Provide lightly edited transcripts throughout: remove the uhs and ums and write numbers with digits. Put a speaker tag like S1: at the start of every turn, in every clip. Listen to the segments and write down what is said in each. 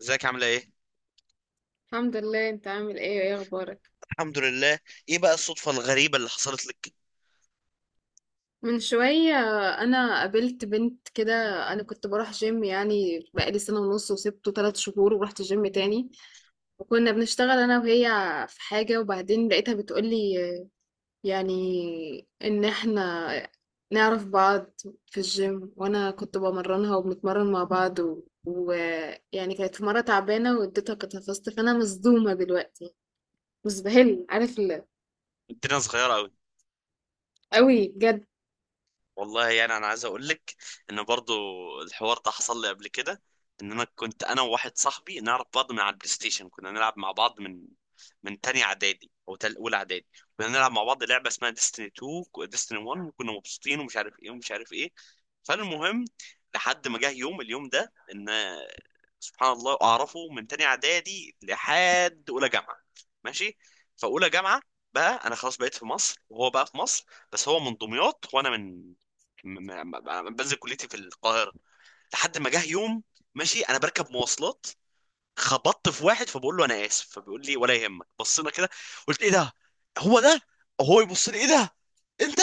S1: ازيك، عامله ايه؟
S2: الحمد لله. انت عامل ايه؟ اخبارك؟
S1: الحمد لله. ايه بقى الصدفه الغريبه اللي حصلت لك؟
S2: من شوية انا قابلت بنت كده. انا كنت بروح جيم، يعني بقالي سنة ونص، وسبته ثلاث شهور ورحت جيم تاني، وكنا بنشتغل انا وهي في حاجة. وبعدين لقيتها بتقولي، يعني، ان احنا نعرف بعض في الجيم، وانا كنت بمرنها وبنتمرن مع بعض و- ويعني كانت في مرة تعبانة واديتها كتفست. فانا مصدومة دلوقتي، مزبهل. عارف
S1: الدنيا صغيره قوي.
S2: قوي، بجد.
S1: والله، يعني انا عايز اقول لك ان برضو الحوار ده حصل لي قبل كده، ان انا كنت انا وواحد صاحبي نعرف بعض من على البلاي ستيشن، كنا نلعب مع بعض من تاني اعدادي او تل اولى اعدادي. كنا نلعب مع بعض لعبه اسمها ديستني 2 وديستني 1، وكنا مبسوطين ومش عارف ايه ومش عارف ايه. فالمهم، لحد ما جه يوم، اليوم ده، ان سبحان الله اعرفه من تاني اعدادي لحد اولى جامعه. ماشي. فاولى جامعه بقى، انا خلاص بقيت في مصر وهو بقى في مصر، بس هو من دمياط وانا من، انا بنزل كليتي في القاهره. لحد ما جه يوم، ماشي، انا بركب مواصلات، خبطت في واحد فبقول له انا اسف، فبيقول لي ولا يهمك. بصينا كده، قلت ايه ده، هو ده. هو يبص لي، ايه ده انت؟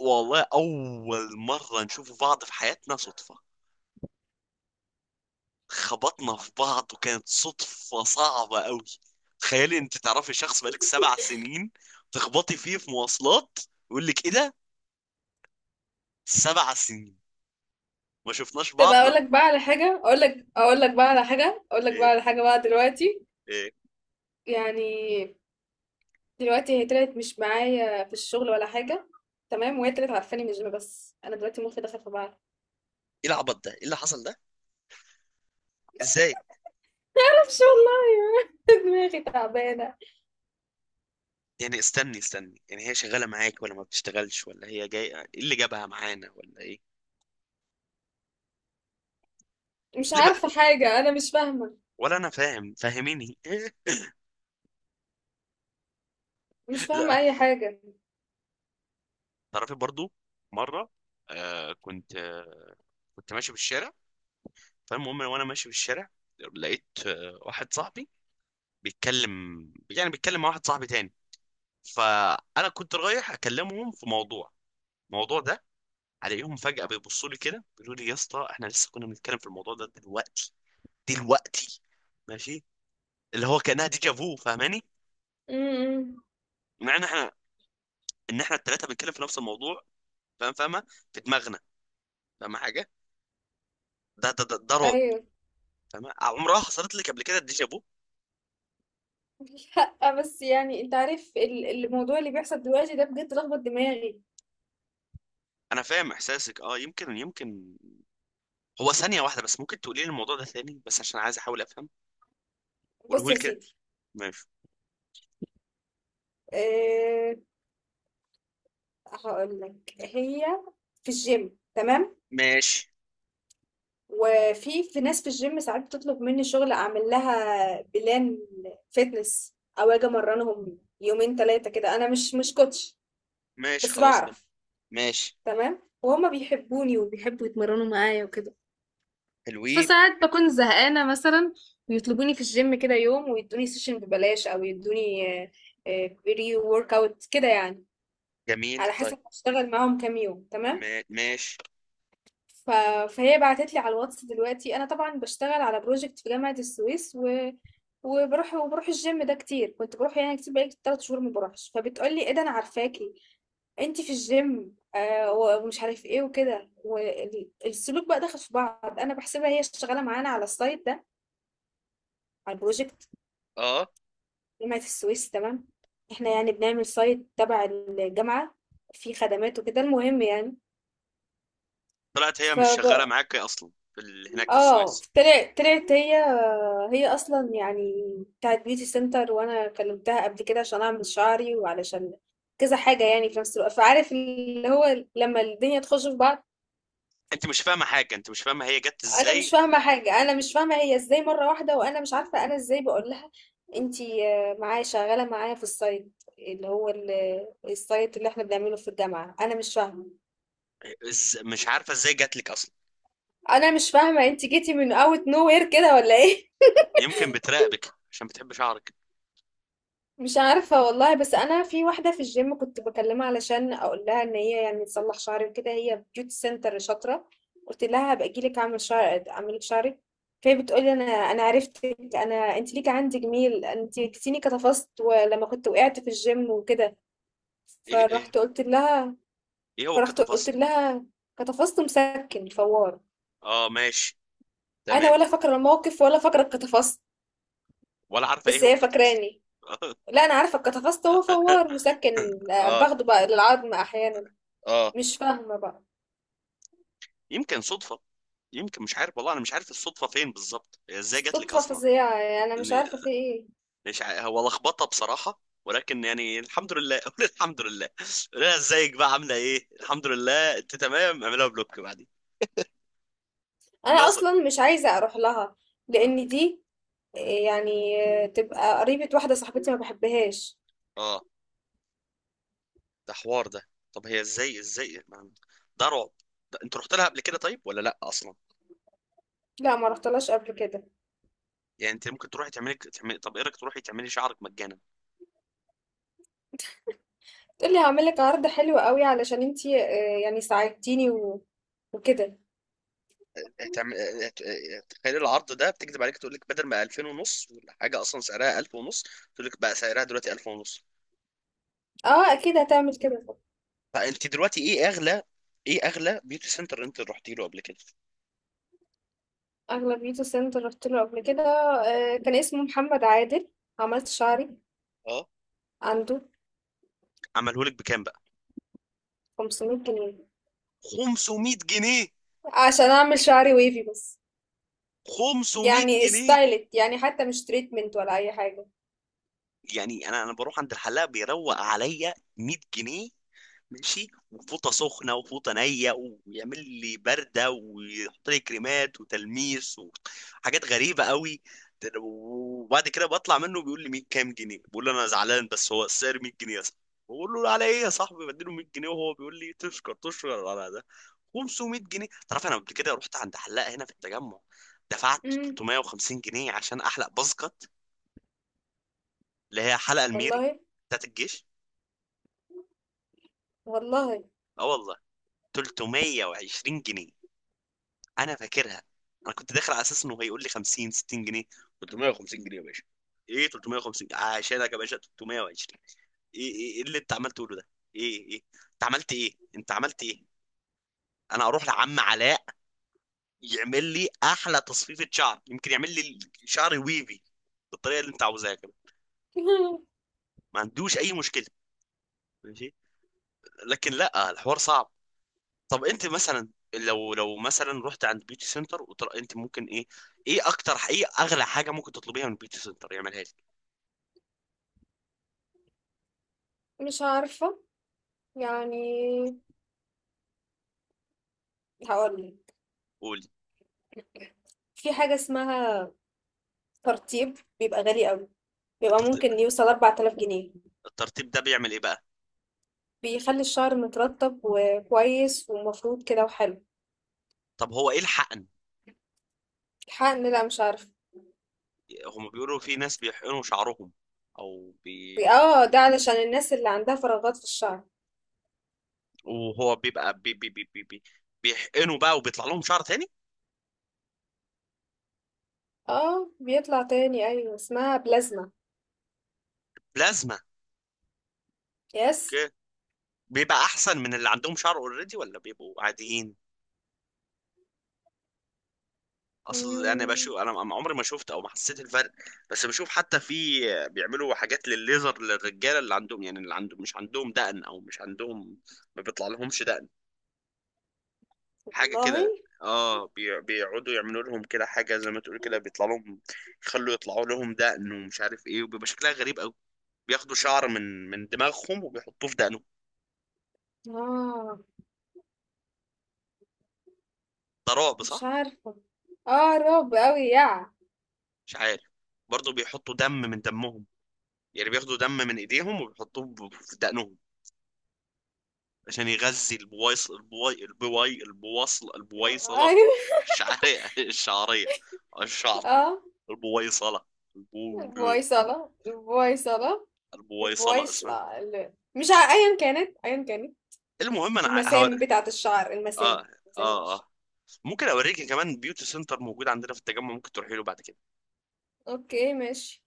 S1: والله اول مره نشوف بعض في حياتنا، صدفه. خبطنا في بعض وكانت صدفه صعبه قوي. تخيلي انت تعرفي شخص بقالك 7 سنين، تخبطي فيه في مواصلات يقول لك ايه ده؟ 7 سنين ما شفناش
S2: طب اقول
S1: بعضنا.
S2: لك بقى على حاجه، اقول لك اقول لك بقى على حاجه اقول لك بقى على
S1: ايه
S2: حاجه بقى دلوقتي.
S1: ايه
S2: يعني دلوقتي هي طلعت مش معايا في الشغل ولا حاجه، تمام؟ وهي طلعت عارفاني. مش بس، انا دلوقتي مخي دخل في بعض.
S1: ايه العبط ده، ايه اللي حصل ده؟ ازاي؟
S2: معرفش والله. دماغي تعبانه.
S1: يعني استني استني، يعني هي شغاله معاك ولا ما بتشتغلش، ولا هي جايه، ايه اللي جابها معانا ولا ايه؟
S2: مش
S1: ليه بقى؟
S2: عارفه حاجه، انا مش فاهمه.
S1: ولا انا فاهم، فاهميني
S2: مش
S1: لا،
S2: فاهمه اي حاجه.
S1: تعرفي برضو، مره كنت، كنت ماشي بالشارع، فالمهم وانا ماشي بالشارع لقيت واحد صاحبي بيتكلم، يعني بيتكلم مع واحد صاحبي تاني، فانا كنت رايح اكلمهم في موضوع، الموضوع ده. عليهم فجأة بيبصوا لي كده، بيقولوا لي يا اسطى احنا لسه كنا بنتكلم في الموضوع ده دلوقتي، دلوقتي، ماشي. اللي هو كانها ديجا فو، فاهماني؟
S2: امم.
S1: معنى، احنا، ان احنا الثلاثه بنتكلم في نفس الموضوع، فاهم؟ فاهمه؟ في دماغنا، فاهمه حاجه؟ ده رعب.
S2: ايوه.
S1: فاهمه؟ عمرها حصلت لك قبل كده الديجا فو؟
S2: لا، بس يعني انت عارف الموضوع اللي بيحصل دلوقتي ده بجد لخبط دماغي.
S1: انا فاهم احساسك. اه، يمكن، يمكن. هو ثانيه واحده بس، ممكن تقولي لي الموضوع ده ثاني بس عشان عايز احاول افهم؟ قوله
S2: بص
S1: لي
S2: يا
S1: كده.
S2: سيدي،
S1: ماشي.
S2: آه، هاقول لك، هي في الgym، تمام،
S1: ماشي،
S2: وفي ناس في الgym ساعات بتطلب مني شغل، أعمل لها بلان fitness، أو آجي أمرنهم يومين 3 كده. أنا مش كوتش،
S1: ماشي،
S2: بس
S1: خلاص تمام.
S2: بعرف.
S1: ماشي.
S2: تمام، وهما بيحبوني وبيحبوا يتمرنوا معايا وكده.
S1: حلوين.
S2: فساعات بكون زهقانة مثلا، ويطلبوني في الgym كده يوم ويدوني سيشن ببلاش، أو يدوني بري ورك أوت كده، يعني
S1: جميل،
S2: على
S1: طيب.
S2: حسب هشتغل معاهم كام يوم. تمام.
S1: ماشي.
S2: ف... فهي بعتت لي على الواتس دلوقتي. انا طبعا بشتغل على بروجكت في جامعة السويس، وبروح الجيم ده كتير، كنت بروح يعني كتير. بقالي 3 شهور ما بروحش، فبتقول لي ايه ده، انا عارفاكي، انت في الجيم، آه، و- ومش عارف ايه وكده. والسلوك بقى داخل في بعض، انا بحسبها هي شغاله معانا على السايت ده، على البروجكت،
S1: اه،
S2: جامعه السويس. تمام، احنا يعني بنعمل سايت تبع الجامعه، فيه خدمات وكده. المهم،
S1: طلعت هي مش شغاله
S2: يعني،
S1: معاك اصلا في هناك في
S2: اه،
S1: السويس؟
S2: طلعت هي. هي اصلا يعني بتاعت بيوتي سنتر. وانا كلمتها قبل كده عشان اعمل شعري، وعلشان كذا حاجه يعني في نفس الوقت. فعارف اللي هو لما الدنيا تخش في بعض.
S1: انت مش فاهمه حاجه، انت مش فاهمه هي جت
S2: انا
S1: ازاي؟
S2: مش فاهمه حاجه، انا مش فاهمه هي ازاي مره واحده، وانا مش عارفه انا ازاي بقول لها انتي، آه، معايا شغاله معايا في السايت اللي هو السايت اللي احنا بنعمله في الجامعه. انا مش فاهمه.
S1: مش عارفه ازاي جت لك اصلا؟
S2: انا مش فاهمه انتي جيتي من اوت نو وير كده ولا ايه؟
S1: يمكن بتراقبك عشان بتحب شعرك.
S2: مش عارفة والله. بس أنا في واحدة في الجيم كنت بكلمها علشان أقول لها إن هي يعني تصلح شعري وكده، هي بيوتي سنتر شاطرة. قلت لها هبقى أجيلك أعمل شعر، أعملك شعرك. فهي بتقولي أنا عرفتك، أنا أنت ليك عندي جميل، أنت كتيني كتفصت ولما كنت وقعت في الجيم وكده.
S1: ايه ايه
S2: فرحت قلت لها
S1: ايه هو
S2: فرحت قلت
S1: الكتافست؟
S2: لها كتفصت مسكن فوار.
S1: اه، ماشي،
S2: أنا
S1: تمام.
S2: ولا فاكرة الموقف، ولا فاكرة الكتفصت،
S1: ولا عارفه ايه
S2: بس
S1: هو
S2: هي
S1: الكتافست.
S2: فاكراني. لا، أنا عارفة الكتفصت هو فوار مسكن، آه،
S1: اه،
S2: باخده بقى للعظم أحيانا.
S1: اه.
S2: مش فاهمة بقى.
S1: يمكن صدفه، يمكن، مش عارف والله، انا مش عارف الصدفه فين بالظبط، هي ازاي جت لك
S2: صدفة
S1: اصلا؟
S2: فظيعة، يعني أنا مش
S1: اني،
S2: عارفة في إيه.
S1: مش هو لخبطه بصراحه، ولكن يعني الحمد لله قول الحمد لله. قول لها ازيك بقى، عامله ايه، الحمد لله، انت تمام، اعملها بلوك بعدين.
S2: أنا
S1: ناصر.
S2: أصلا مش عايزة أروح لها، لأن دي، آه، يعني تبقى قريبة واحدة صاحبتي ما بحبهاش.
S1: اه، ده حوار ده. طب هي ازاي، ازاي، ده رعب. ده انت رحت لها قبل كده طيب ولا لا اصلا؟
S2: لا، ما رحتلهاش قبل كده.
S1: يعني انت ممكن تروحي تعملي، تعملي، طب ايه رايك تروحي تعملي شعرك مجانا؟
S2: تقولي هعملك عرض حلو قوي علشان انتي، آه، يعني ساعدتيني، وكده.
S1: هتعمل هت- تخيل العرض ده، بتكذب عليك تقول لك بدل ما 2000 ونص، ولا حاجه اصلا سعرها 1000 ونص، تقول لك بقى سعرها دلوقتي 1000 ونص.
S2: اه اكيد هتعمل كده.
S1: فانت دلوقتي ايه اغلى؟ ايه اغلى بيوتي سنتر انت رحتي له قبل كده؟
S2: اغلبيته سنتر رحت له قبل كده، آه، كان اسمه محمد عادل. عملت شعري
S1: اه.
S2: عنده.
S1: عمله لك بكام بقى؟
S2: 500 جنيه
S1: 500 جنيه.
S2: عشان اعمل شعري ويفي بس،
S1: 500
S2: يعني
S1: جنيه
S2: ستايلت، يعني حتى مش تريتمنت ولا اي حاجة.
S1: يعني انا بروح عند الحلاق بيروق عليا 100 جنيه. ماشي، وفوطه سخنه وفوطه نيه، ويعمل لي برده، ويحط لي كريمات وتلميس وحاجات غريبه قوي، وبعد كده بطلع منه بيقول لي 100، كام جنيه؟ بقول له انا زعلان، بس هو السعر 100 جنيه يا صاحبي. بقول له على ايه يا صاحبي؟ بديله 100 جنيه وهو بيقول لي تشكر تشكر على ده. 500 جنيه! تعرف انا قبل كده رحت عند حلاقه هنا في التجمع، دفعت
S2: امم.
S1: 350 جنيه عشان احلق باسكت، اللي هي حلقه الميري
S2: والله.
S1: بتاعت الجيش.
S2: والله.
S1: اه والله، 320 جنيه، انا فاكرها. انا كنت داخل على اساس انه هيقول لي 50، 60 جنيه، 350 جنيه يا باشا، ايه 350 عشانك يا باشا، 320؟ ايه ايه إيه اللي انت عمال تقوله ده؟ ايه ايه، انت عملت ايه، انت عملت ايه؟ انا اروح لعم علاء يعمل لي احلى تصفيفة شعر، يمكن يعمل لي شعري ويفي بالطريقة اللي انت عاوزها كده. ما عندوش اي مشكلة. ماشي. لكن لا، الحوار صعب. طب انت مثلا، لو مثلا رحت عند بيوتي سنتر وطلع، انت ممكن ايه؟ ايه اكتر، ايه اغلى حاجه ممكن تطلبيها من بيوتي سنتر يعملها لك؟
S2: مش عارفة، يعني. هقولك،
S1: قولي.
S2: في حاجة اسمها ترطيب، بيبقى غالي قوي، بيبقى
S1: الترتيب
S2: ممكن يوصل 4000 جنيه.
S1: الترتيب ده بيعمل ايه بقى؟
S2: بيخلي الشعر مترطب وكويس ومفروض كده وحلو.
S1: طب هو ايه الحقن؟
S2: الحقن، لا مش عارفة.
S1: هم بيقولوا في ناس بيحقنوا شعرهم، او بي
S2: اه، ده علشان الناس اللي عندها فراغات في الشعر.
S1: وهو بيبقى، بي بي بي بي بي بيحقنوا بقى وبيطلع لهم شعر تاني.
S2: اه، بيطلع تاني، ايوه، اسمها بلازما.
S1: بلازما.
S2: يس.
S1: اوكي. بيبقى احسن من اللي عندهم شعر اوريدي، ولا بيبقوا عاديين؟ اصل انا
S2: مم.
S1: بشوف، انا عمري ما شفت او ما حسيت الفرق. بس بشوف حتى في، بيعملوا حاجات للليزر للرجاله اللي عندهم، يعني اللي عندهم مش عندهم دقن او مش عندهم، ما بيطلع لهمش دقن، حاجه
S2: والله.
S1: كده. اه، بيقعدوا يعملوا لهم كده حاجه زي ما تقول كده، بيطلع لهم، يخلوا يطلعوا لهم دقن ومش عارف ايه، وبيبقى شكلها غريب قوي. بياخدوا شعر من دماغهم وبيحطوه في دقنهم.
S2: اه.
S1: ده رعب
S2: مش
S1: صح؟
S2: عارفة. اه، رعب أوي، يا
S1: مش عارف. برضه بيحطوا دم من دمهم، يعني بياخدوا دم من ايديهم وبيحطوه في دقنهم، عشان يغذي البويصلة
S2: أيوة.
S1: الشعرية الشعرية، الشعر،
S2: اه.
S1: البويصلة، البو
S2: البويصلة، البويصلة.
S1: البويصلة اسمها.
S2: البويصلة، مش أيا كانت، أيا كانت.
S1: المهم انا هوري.
S2: المسام بتاعة الشعر،
S1: اه،
S2: المسام، مسام
S1: اه،
S2: الشعر.
S1: اه. ممكن اوريك كمان بيوتي سنتر موجود عندنا في التجمع، ممكن تروحي له بعد كده.
S2: اوكي، ماشي.